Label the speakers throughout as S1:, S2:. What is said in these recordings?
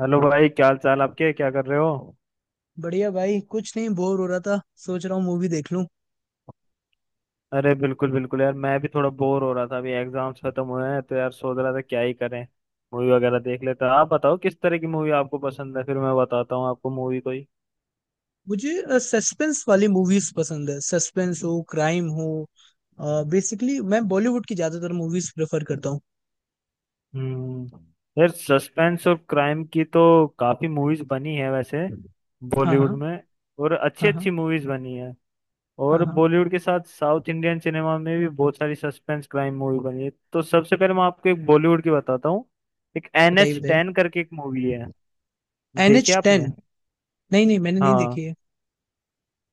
S1: Hello भाई, क्या हाल चाल आपके? क्या कर रहे हो?
S2: बढ़िया भाई, कुछ नहीं, बोर हो रहा था। सोच रहा हूँ मूवी देख लूं।
S1: अरे बिल्कुल बिल्कुल यार, मैं भी थोड़ा बोर हो रहा था। अभी एग्जाम्स खत्म हुए हैं तो यार सोच रहा था क्या ही करें। मूवी वगैरह देख लेता। आप बताओ किस तरह की मूवी आपको पसंद है, फिर मैं बताता हूँ आपको मूवी कोई।
S2: मुझे सस्पेंस वाली मूवीज पसंद है, सस्पेंस हो, क्राइम हो। बेसिकली मैं बॉलीवुड की ज्यादातर मूवीज प्रेफर करता हूँ।
S1: हम्म। यार सस्पेंस और क्राइम की तो काफी मूवीज बनी है वैसे
S2: हाँ,
S1: बॉलीवुड
S2: हाँ।
S1: में, और अच्छी
S2: हाँ, हाँ।
S1: अच्छी मूवीज बनी है।
S2: हाँ,
S1: और
S2: हाँ।
S1: बॉलीवुड के साथ साउथ इंडियन सिनेमा में भी बहुत सारी सस्पेंस क्राइम मूवी बनी है, तो सबसे पहले मैं आपको एक बॉलीवुड की बताता हूँ। एक एन
S2: बताइए,
S1: एच
S2: बताइए।
S1: टेन करके एक मूवी है।
S2: एन एच
S1: देखी आपने?
S2: टेन। नहीं, नहीं, मैंने नहीं
S1: हाँ।
S2: देखी है।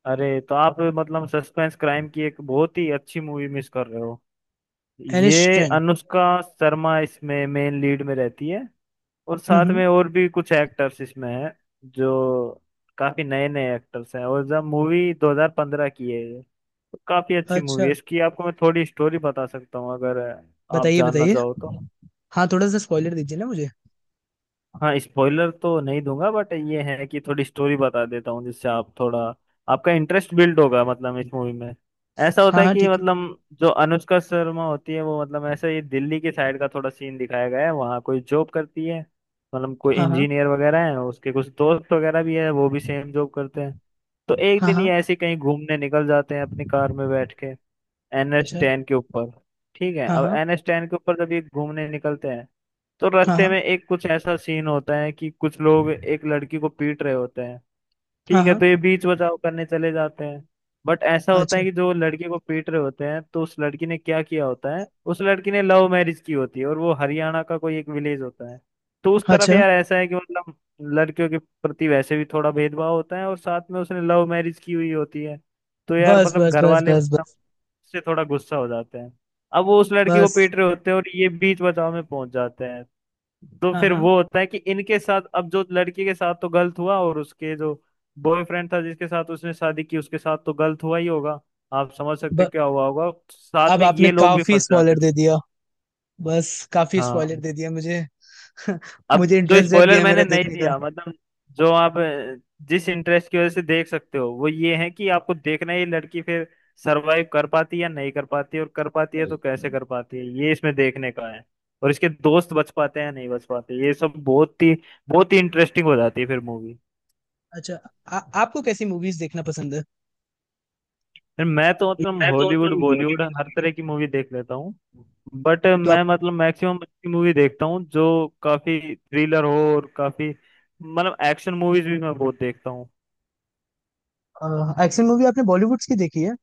S1: अरे तो आप मतलब सस्पेंस क्राइम की एक बहुत ही अच्छी मूवी मिस कर रहे हो।
S2: एन एच
S1: ये
S2: टेन
S1: अनुष्का शर्मा इसमें मेन लीड में रहती है, और
S2: हम्म,
S1: साथ
S2: हम्म।
S1: में और भी कुछ एक्टर्स इसमें हैं जो काफी नए नए एक्टर्स हैं, और जब मूवी 2015 की है ये तो काफी अच्छी मूवी
S2: अच्छा।
S1: है। इसकी आपको मैं थोड़ी स्टोरी बता सकता हूँ अगर आप
S2: बताइए,
S1: जानना
S2: बताइए।
S1: चाहो तो।
S2: हाँ, थोड़ा सा स्पॉइलर दीजिए ना मुझे।
S1: हाँ स्पॉइलर तो नहीं दूंगा, बट ये है कि थोड़ी स्टोरी बता देता हूँ जिससे आप थोड़ा आपका इंटरेस्ट बिल्ड होगा। मतलब इस मूवी में ऐसा होता
S2: हाँ,
S1: है
S2: हाँ,
S1: कि
S2: ठीक है।
S1: मतलब जो अनुष्का शर्मा होती है वो मतलब ऐसा, ये दिल्ली के साइड का थोड़ा सीन दिखाया गया है, वहाँ कोई जॉब करती है। मतलब कोई
S2: हाँ, हाँ।
S1: इंजीनियर वगैरह है, उसके कुछ दोस्त वगैरह भी है, वो भी सेम जॉब करते हैं। तो एक
S2: हाँ,
S1: दिन
S2: हाँ।
S1: ये ऐसे ही कहीं घूमने निकल जाते हैं अपनी कार में बैठ के एन एच
S2: अच्छा।
S1: टेन के ऊपर। ठीक है,
S2: हाँ,
S1: अब
S2: हाँ।
S1: NH10 के ऊपर जब ये घूमने निकलते हैं तो
S2: हाँ,
S1: रास्ते
S2: हाँ।
S1: में एक कुछ ऐसा सीन होता है कि कुछ लोग एक लड़की को पीट रहे होते हैं।
S2: हाँ,
S1: ठीक है, तो
S2: हाँ।
S1: ये बीच बचाव करने चले जाते हैं। बट ऐसा होता
S2: अच्छा।
S1: है कि जो लड़के को पीट रहे होते हैं तो उस लड़की ने क्या किया होता है, उस लड़की ने लव मैरिज की होती है और वो हरियाणा का कोई एक विलेज होता है। तो उस तरफ
S2: अच्छा।
S1: यार ऐसा है कि मतलब लड़कियों के प्रति वैसे भी थोड़ा भेदभाव होता है, और साथ में उसने लव मैरिज की हुई होती है। तो यार
S2: बस,
S1: मतलब
S2: बस,
S1: घर
S2: बस,
S1: वाले
S2: बस, बस।
S1: से थोड़ा गुस्सा हो जाते हैं। अब वो उस लड़की को
S2: बस।
S1: पीट रहे होते हैं और ये बीच बचाव में पहुंच जाते हैं। तो
S2: हाँ,
S1: फिर
S2: हाँ।
S1: वो होता है कि इनके साथ, अब जो लड़की के साथ तो गलत हुआ और उसके जो बॉयफ्रेंड था जिसके साथ उसने शादी की उसके साथ तो गलत हुआ ही होगा, आप समझ सकते हैं क्या हुआ होगा, साथ
S2: अब
S1: में
S2: आपने
S1: ये लोग भी
S2: काफी
S1: फंस जाते
S2: स्पॉइलर
S1: हैं।
S2: दे दिया। बस, काफी स्पॉइलर
S1: हाँ।
S2: दे दिया मुझे।
S1: अब
S2: मुझे
S1: जो
S2: इंटरेस्ट जग
S1: स्पॉइलर
S2: गया
S1: मैंने
S2: मेरा
S1: नहीं
S2: देखने का।
S1: दिया मतलब, जो आप जिस इंटरेस्ट की वजह से देख सकते हो वो ये है कि आपको देखना है ये लड़की फिर सरवाइव कर पाती है या नहीं कर पाती है, और कर पाती है तो कैसे कर पाती है, ये इसमें देखने का है। और इसके दोस्त बच पाते हैं या नहीं बच पाते, ये सब बहुत ही इंटरेस्टिंग हो जाती है फिर मूवी।
S2: अच्छा। आपको कैसी मूवीज देखना पसंद है?
S1: फिर मैं तो मतलब
S2: मैं तो
S1: हॉलीवुड
S2: उसमें
S1: बॉलीवुड
S2: हॉलीवुड।
S1: हर तरह की मूवी देख लेता हूँ, बट
S2: तो आप।
S1: मैं मतलब मैक्सिमम अच्छी मूवी देखता हूँ जो काफी थ्रिलर हो, और काफी मतलब एक्शन मूवीज भी मैं बहुत देखता हूँ।
S2: एक्शन मूवी आपने बॉलीवुड्स की देखी है?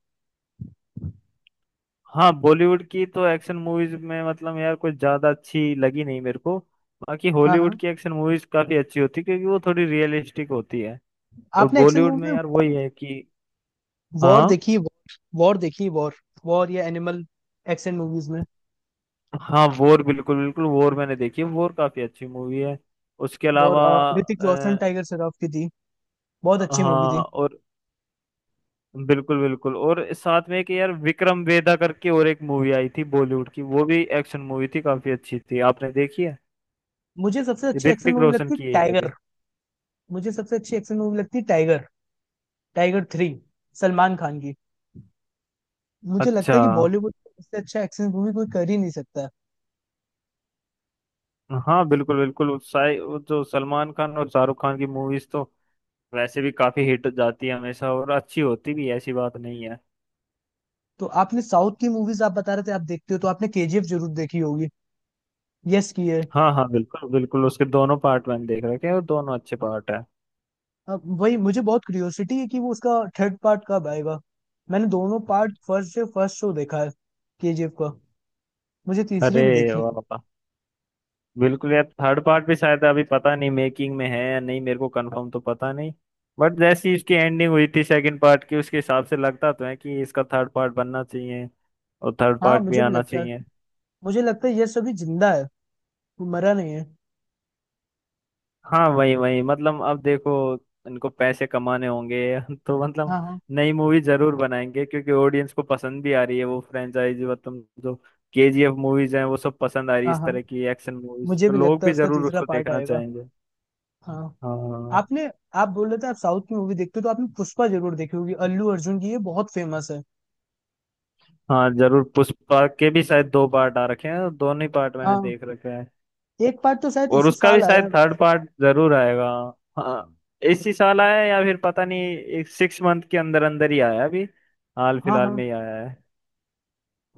S1: हाँ बॉलीवुड की तो एक्शन मूवीज में मतलब यार कुछ ज्यादा अच्छी लगी नहीं मेरे को। बाकी
S2: हाँ,
S1: हॉलीवुड
S2: हाँ।
S1: की एक्शन मूवीज काफी अच्छी होती है क्योंकि वो थोड़ी रियलिस्टिक होती है। और
S2: आपने एक्शन
S1: बॉलीवुड में
S2: मूवी में।
S1: यार वही है कि
S2: वॉर
S1: हाँ
S2: देखी है? वॉर देखी है, वॉर। वॉर या एनिमल। एक्शन मूवीज में।
S1: हाँ वॉर बिल्कुल बिल्कुल, वॉर मैंने देखी है, वॉर काफी अच्छी मूवी है। उसके
S2: वॉर
S1: अलावा
S2: ऋतिक रोशन,
S1: अ,
S2: टाइगर श्रॉफ की थी। बहुत अच्छी मूवी थी।
S1: हाँ और बिल्कुल बिल्कुल, और साथ में एक यार विक्रम वेदा करके और एक मूवी आई थी बॉलीवुड की, वो भी एक्शन मूवी थी काफी अच्छी थी। आपने देखी है?
S2: मुझे सबसे अच्छी एक्शन
S1: ऋतिक
S2: मूवी
S1: रोशन
S2: लगती है
S1: की है ये भी।
S2: टाइगर। मुझे सबसे अच्छी एक्शन मूवी लगती है Tiger. Tiger three. Salman Khan की। मुझे लगता
S1: अच्छा।
S2: है कि बॉलीवुड में इससे अच्छा एक्शन मूवी कोई कर ही नहीं सकता।
S1: हाँ बिल्कुल बिल्कुल उत्साह, वो जो सलमान खान और शाहरुख खान की मूवीज तो वैसे भी काफी हिट जाती है हमेशा, और अच्छी होती भी है, ऐसी बात नहीं है।
S2: तो आपने साउथ की मूवीज, आप बता रहे थे आप देखते हो, तो आपने KGF जरूर देखी होगी। यस की है।
S1: हाँ हाँ बिल्कुल बिल्कुल, उसके दोनों पार्ट मैंने देख रखे हैं और दोनों अच्छे पार्ट है।
S2: अब वही मुझे बहुत क्यूरियोसिटी है कि वो उसका थर्ड पार्ट कब आएगा। मैंने दोनों पार्ट फर्स्ट से फर्स्ट शो देखा है KGF का। मुझे तीसरी
S1: अरे
S2: भी देखनी
S1: वाह
S2: है।
S1: वाह। बिल्कुल यार, थर्ड पार्ट भी शायद अभी पता नहीं मेकिंग में है या नहीं, मेरे को कंफर्म तो पता नहीं। बट जैसी इसकी एंडिंग हुई थी सेकंड पार्ट की उसके हिसाब से लगता तो है कि इसका थर्ड पार्ट बनना चाहिए और थर्ड
S2: हाँ,
S1: पार्ट भी
S2: मुझे भी
S1: आना
S2: लगता है।
S1: चाहिए।
S2: मुझे लगता है यस अभी जिंदा है। वो मरा नहीं है।
S1: हाँ वही वही मतलब अब देखो, इनको पैसे कमाने होंगे तो मतलब
S2: हाँ, हाँ।
S1: नई मूवी जरूर बनाएंगे क्योंकि ऑडियंस को पसंद भी आ रही है वो फ्रेंचाइज, मतलब जो KGF मूवीज हैं वो सब पसंद आ रही है,
S2: हाँ,
S1: इस
S2: हाँ।
S1: तरह की एक्शन मूवीज
S2: मुझे
S1: तो
S2: भी
S1: लोग
S2: लगता है
S1: भी
S2: उसका
S1: जरूर
S2: तीसरा
S1: उसको
S2: पार्ट
S1: देखना
S2: आएगा।
S1: चाहेंगे।
S2: हाँ।
S1: हाँ
S2: आपने। आप बोल रहे थे आप साउथ की मूवी देखते हो, तो आपने पुष्पा जरूर देखी होगी। अल्लू अर्जुन की, ये बहुत फेमस है।
S1: हाँ जरूर, पुष्पा के भी शायद दो पार्ट आ रखे हैं, दोनों ही पार्ट मैंने
S2: हाँ।
S1: देख रखे हैं,
S2: एक पार्ट तो शायद
S1: और
S2: इसी
S1: उसका भी
S2: साल आया।
S1: शायद थर्ड पार्ट जरूर आएगा। हाँ इसी साल आया है या फिर पता नहीं, एक 6 मंथ के अंदर अंदर ही आया है, अभी हाल
S2: हाँ,
S1: फिलहाल
S2: हाँ।
S1: में ही आया है।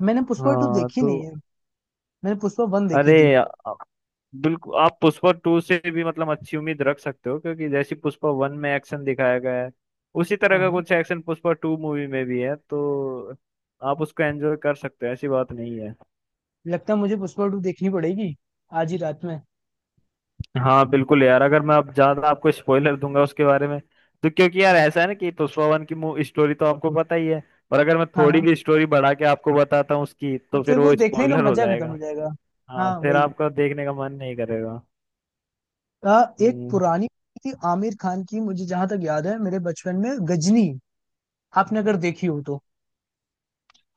S2: मैंने पुष्पा टू
S1: हाँ
S2: देखी
S1: तो
S2: नहीं है। मैंने पुष्पा वन
S1: अरे
S2: देखी थी।
S1: बिल्कुल आप पुष्पा टू से भी मतलब अच्छी उम्मीद रख सकते हो क्योंकि जैसे पुष्पा वन में एक्शन दिखाया गया है उसी तरह
S2: हाँ,
S1: का
S2: हाँ।
S1: कुछ एक्शन पुष्पा टू मूवी में भी है, तो आप उसको एंजॉय कर सकते हो, ऐसी बात नहीं है।
S2: लगता है मुझे पुष्पा टू देखनी पड़ेगी, आज ही रात में।
S1: हाँ बिल्कुल यार, अगर मैं अब ज्यादा आपको स्पॉइलर दूंगा उसके बारे में तो, क्योंकि यार
S2: नहीं।
S1: ऐसा है ना कि पुष्पा वन की स्टोरी तो आपको पता ही है, और अगर मैं
S2: हाँ,
S1: थोड़ी
S2: हाँ।
S1: भी स्टोरी बढ़ा के आपको बताता हूँ उसकी
S2: और
S1: तो
S2: फिर
S1: फिर
S2: वो
S1: वो
S2: देखने का
S1: स्पॉइलर हो
S2: मजा खत्म हो
S1: जाएगा।
S2: जाएगा।
S1: हाँ
S2: हाँ,
S1: फिर
S2: वही।
S1: आपका देखने का मन नहीं करेगा।
S2: एक
S1: हम्म।
S2: पुरानी थी आमिर खान की, मुझे जहां तक याद है, मेरे बचपन में, गजनी। आपने अगर देखी हो तो।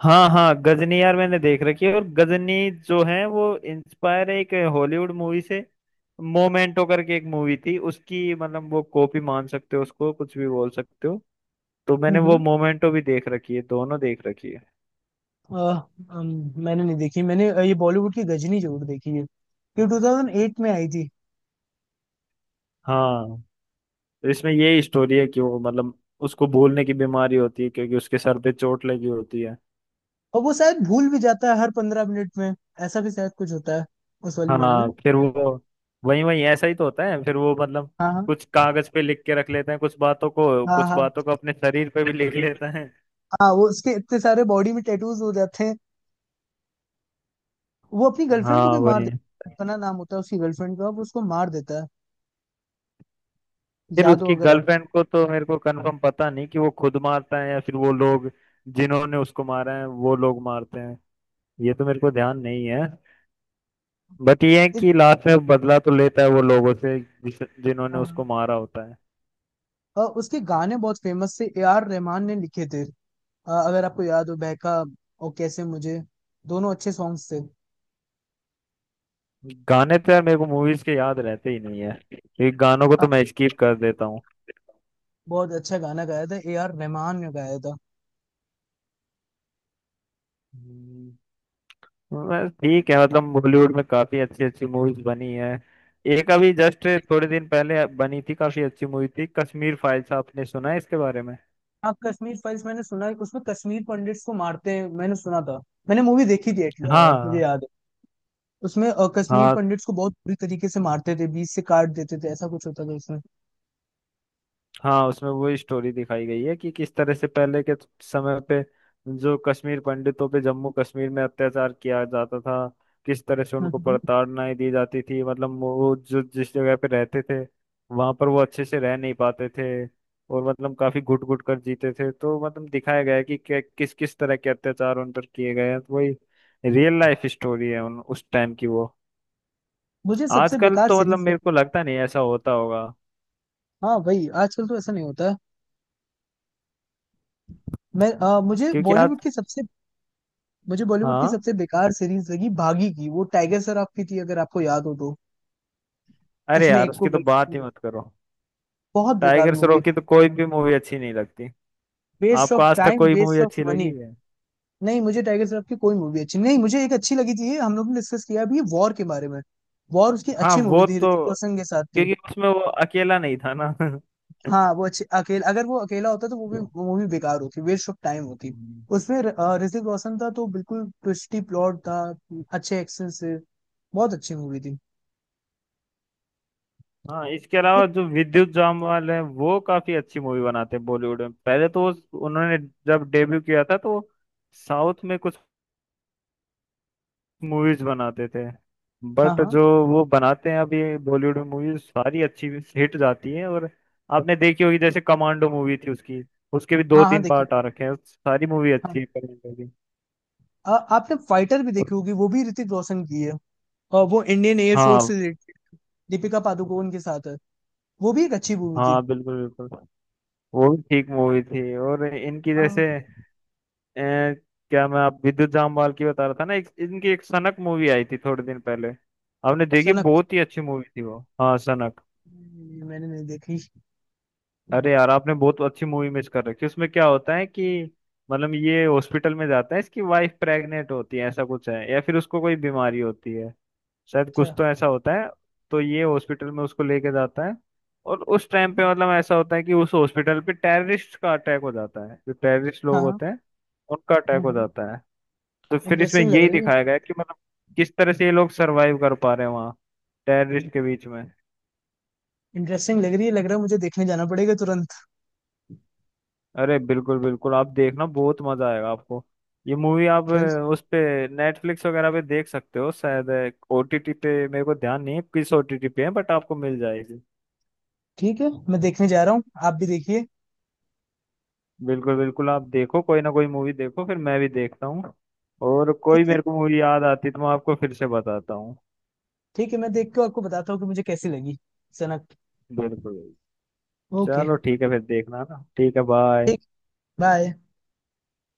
S1: हाँ हाँ गजनी यार मैंने देख रखी है, और गजनी जो है वो इंस्पायर है एक हॉलीवुड मूवी से, मोमेंटो करके एक मूवी थी उसकी, मतलब वो कॉपी मान सकते हो उसको, कुछ भी बोल सकते हो। तो मैंने
S2: हम्म,
S1: वो मोमेंटो भी देख रखी है, दोनों देख रखी है।
S2: अ, मैंने नहीं देखी। मैंने ये बॉलीवुड की गजनी जरूर देखी है। ये 2008 में आई थी।
S1: हाँ तो इसमें यही स्टोरी है कि वो मतलब उसको भूलने की बीमारी होती है क्योंकि उसके सर पे चोट लगी होती है।
S2: और वो शायद भूल भी जाता है हर 15 मिनट में। ऐसा भी शायद कुछ होता है, उस वाली मूवी
S1: हाँ फिर
S2: में।
S1: वो वही वही ऐसा ही तो होता है, फिर वो मतलब
S2: हाँ, हाँ।
S1: कुछ कागज पे लिख के रख लेते हैं कुछ बातों को,
S2: हाँ,
S1: कुछ
S2: हाँ।
S1: बातों को अपने शरीर पे भी लिख लेते हैं।
S2: हाँ, वो उसके इतने सारे बॉडी में टैटूज हो जाते हैं। वो अपनी गर्लफ्रेंड को
S1: हाँ
S2: भी मार
S1: वही,
S2: देता है। कल्पना नाम होता है उसकी गर्लफ्रेंड का। वो उसको मार देता है।
S1: फिर
S2: याद हो
S1: उसकी
S2: अगर आप।
S1: गर्लफ्रेंड को तो मेरे को कंफर्म पता नहीं कि वो खुद मारता है या फिर वो लोग जिन्होंने उसको मारा है वो लोग मारते हैं, ये तो मेरे को ध्यान नहीं है। बट ये है
S2: इस,
S1: कि लास्ट में बदला तो लेता है वो लोगों से जिस जिन्होंने
S2: हाँ,
S1: उसको मारा होता है।
S2: और उसके गाने बहुत फेमस थे, ए आर रहमान ने लिखे थे। अगर आपको याद हो, बहका। और कैसे मुझे। दोनों अच्छे सॉन्ग्स थे।
S1: गाने तो यार मेरे को मूवीज के याद रहते ही नहीं है, ये गानों को तो मैं स्किप कर देता
S2: बहुत अच्छा गाना गाया था, ए आर रहमान ने गाया था।
S1: हूँ। बस ठीक है, मतलब बॉलीवुड में काफी अच्छी अच्छी मूवीज बनी है। एक अभी जस्ट थोड़े दिन पहले बनी थी काफी अच्छी मूवी थी, कश्मीर फाइल्स। आपने सुना है इसके बारे में?
S2: हाँ, कश्मीर फाइल्स मैंने सुना है, उसमें कश्मीर पंडिट्स को मारते हैं, मैंने सुना था। मैंने मूवी देखी थी, मुझे
S1: हाँ।
S2: याद है। उसमें कश्मीर
S1: हाँ
S2: पंडिट्स को बहुत बुरी तरीके से मारते थे, बीच से काट देते थे, ऐसा कुछ होता था उसमें।
S1: हाँ उसमें वो स्टोरी दिखाई गई है कि किस तरह से पहले के समय पे जो कश्मीर पंडितों पे जम्मू कश्मीर में अत्याचार किया जाता था, किस तरह से उनको
S2: हम्म।
S1: प्रताड़नाएं दी जाती थी, मतलब वो जो जिस जगह पे रहते थे वहां पर वो अच्छे से रह नहीं पाते थे और मतलब काफी घुट घुट कर जीते थे, तो मतलब दिखाया गया है कि किस किस तरह के अत्याचार उन पर किए गए हैं, तो वही रियल लाइफ स्टोरी है उन उस टाइम की वो।
S2: मुझे सबसे
S1: आजकल
S2: बेकार
S1: तो मतलब
S2: सीरीज।
S1: मेरे को लगता नहीं ऐसा होता होगा
S2: हाँ, वही, आजकल तो ऐसा नहीं होता है। मुझे
S1: क्योंकि आज।
S2: बॉलीवुड की सबसे। मुझे बॉलीवुड की
S1: हाँ
S2: सबसे बेकार सीरीज लगी भागी की, वो टाइगर श्रॉफ की थी, अगर आपको याद हो तो।
S1: अरे
S2: उसमें
S1: यार
S2: एक को
S1: उसकी तो बात ही
S2: गर्लफ्रेंड।
S1: मत करो।
S2: बहुत बेकार
S1: टाइगर
S2: मूवी
S1: श्रॉफ की
S2: थी।
S1: तो कोई भी मूवी अच्छी नहीं लगती।
S2: वेस्ट
S1: आपको
S2: ऑफ
S1: आज तक
S2: टाइम,
S1: कोई मूवी
S2: वेस्ट ऑफ
S1: अच्छी
S2: मनी।
S1: लगी है?
S2: नहीं, मुझे टाइगर श्रॉफ की कोई मूवी अच्छी नहीं। मुझे एक अच्छी लगी थी, हम लोग ने डिस्कस किया भी, वॉर के बारे में। वॉर उसकी
S1: हाँ
S2: अच्छी मूवी
S1: वो
S2: थी,
S1: तो,
S2: ऋतिक रोशन के साथ थी।
S1: क्योंकि उसमें वो अकेला नहीं था ना
S2: हाँ, वो अच्छी, अकेला अगर वो अकेला होता तो वो भी, वो मूवी बेकार होती, वेस्ट ऑफ टाइम होती।
S1: हम्म।
S2: उसमें ऋतिक रोशन था, तो बिल्कुल ट्विस्टी प्लॉट था, अच्छे एक्शन से। बहुत अच्छी मूवी थी।
S1: हाँ इसके अलावा
S2: एक-
S1: जो विद्युत जामवाल है वो काफी अच्छी मूवी बनाते हैं बॉलीवुड में, पहले तो उन्होंने जब डेब्यू किया था तो साउथ में कुछ मूवीज बनाते थे,
S2: हाँ,
S1: बट
S2: हाँ।
S1: जो वो बनाते हैं अभी बॉलीवुड में मूवीज सारी अच्छी हिट जाती हैं, और आपने देखी होगी जैसे कमांडो मूवी थी उसकी, उसके भी दो
S2: हाँ, हाँ,
S1: तीन
S2: देखिए।
S1: पार्ट आ रखे हैं, सारी मूवी अच्छी
S2: हाँ।
S1: है कमांडो की।
S2: आपने फाइटर भी देखी
S1: उस-
S2: होगी, वो भी ऋतिक रोशन की है। और वो इंडियन एयर फोर्स
S1: हाँ
S2: से रिलेटेड, दीपिका पादुकोण के साथ है। वो भी एक अच्छी मूवी थी।
S1: हाँ बिल्कुल बिल्कुल, वो भी ठीक मूवी थी। और इनकी
S2: हाँ,
S1: जैसे अ, क्या मैं आप विद्युत जामवाल की बता रहा था ना इनकी एक सनक मूवी आई थी थोड़े दिन पहले। आपने देखी?
S2: सनक।
S1: बहुत ही अच्छी मूवी थी वो, हाँ सनक।
S2: नहीं, मैंने नहीं देखी।
S1: अरे यार आपने बहुत अच्छी मूवी मिस कर रखी है। उसमें क्या होता है कि मतलब ये हॉस्पिटल में जाता है, इसकी वाइफ प्रेग्नेंट होती है, ऐसा कुछ है या फिर उसको कोई बीमारी होती है शायद, कुछ
S2: अच्छा।
S1: तो ऐसा होता है। तो ये हॉस्पिटल में उसको लेके जाता है, और उस टाइम पे
S2: हाँ,
S1: मतलब ऐसा होता है कि उस हॉस्पिटल पे टेररिस्ट का अटैक हो जाता है, जो टेररिस्ट लोग
S2: हाँ।
S1: होते हैं उनका अटैक
S2: हम्म,
S1: हो
S2: हम्म।
S1: जाता है। तो फिर इसमें
S2: इंटरेस्टिंग लग
S1: यही
S2: रही है।
S1: दिखाया गया है कि मतलब किस तरह से ये लोग सरवाइव कर पा रहे हैं वहाँ टेररिस्ट के बीच में।
S2: इंटरेस्टिंग लग रही है, लग रहा है मुझे देखने जाना पड़ेगा तुरंत।
S1: अरे बिल्कुल बिल्कुल आप देखना बहुत मजा आएगा आपको। ये मूवी आप
S2: चल।
S1: उस पे नेटफ्लिक्स वगैरह पे देख सकते हो शायद। OTT पे मेरे को ध्यान नहीं है किस OTT पे है, बट आपको मिल जाएगी।
S2: ठीक है, मैं देखने जा रहा हूँ, आप भी देखिए।
S1: बिल्कुल बिल्कुल आप देखो, कोई ना कोई मूवी देखो, फिर मैं भी देखता हूँ, और कोई
S2: ठीक है।
S1: मेरे को मूवी याद आती तो मैं आपको फिर से बताता हूँ।
S2: ठीक है, मैं देख के आपको बताता हूँ कि मुझे कैसी लगी। सनक।
S1: बिल्कुल।
S2: ओके।
S1: चलो ठीक है फिर, देखना ना, ठीक है बाय।
S2: ठीक। बाय।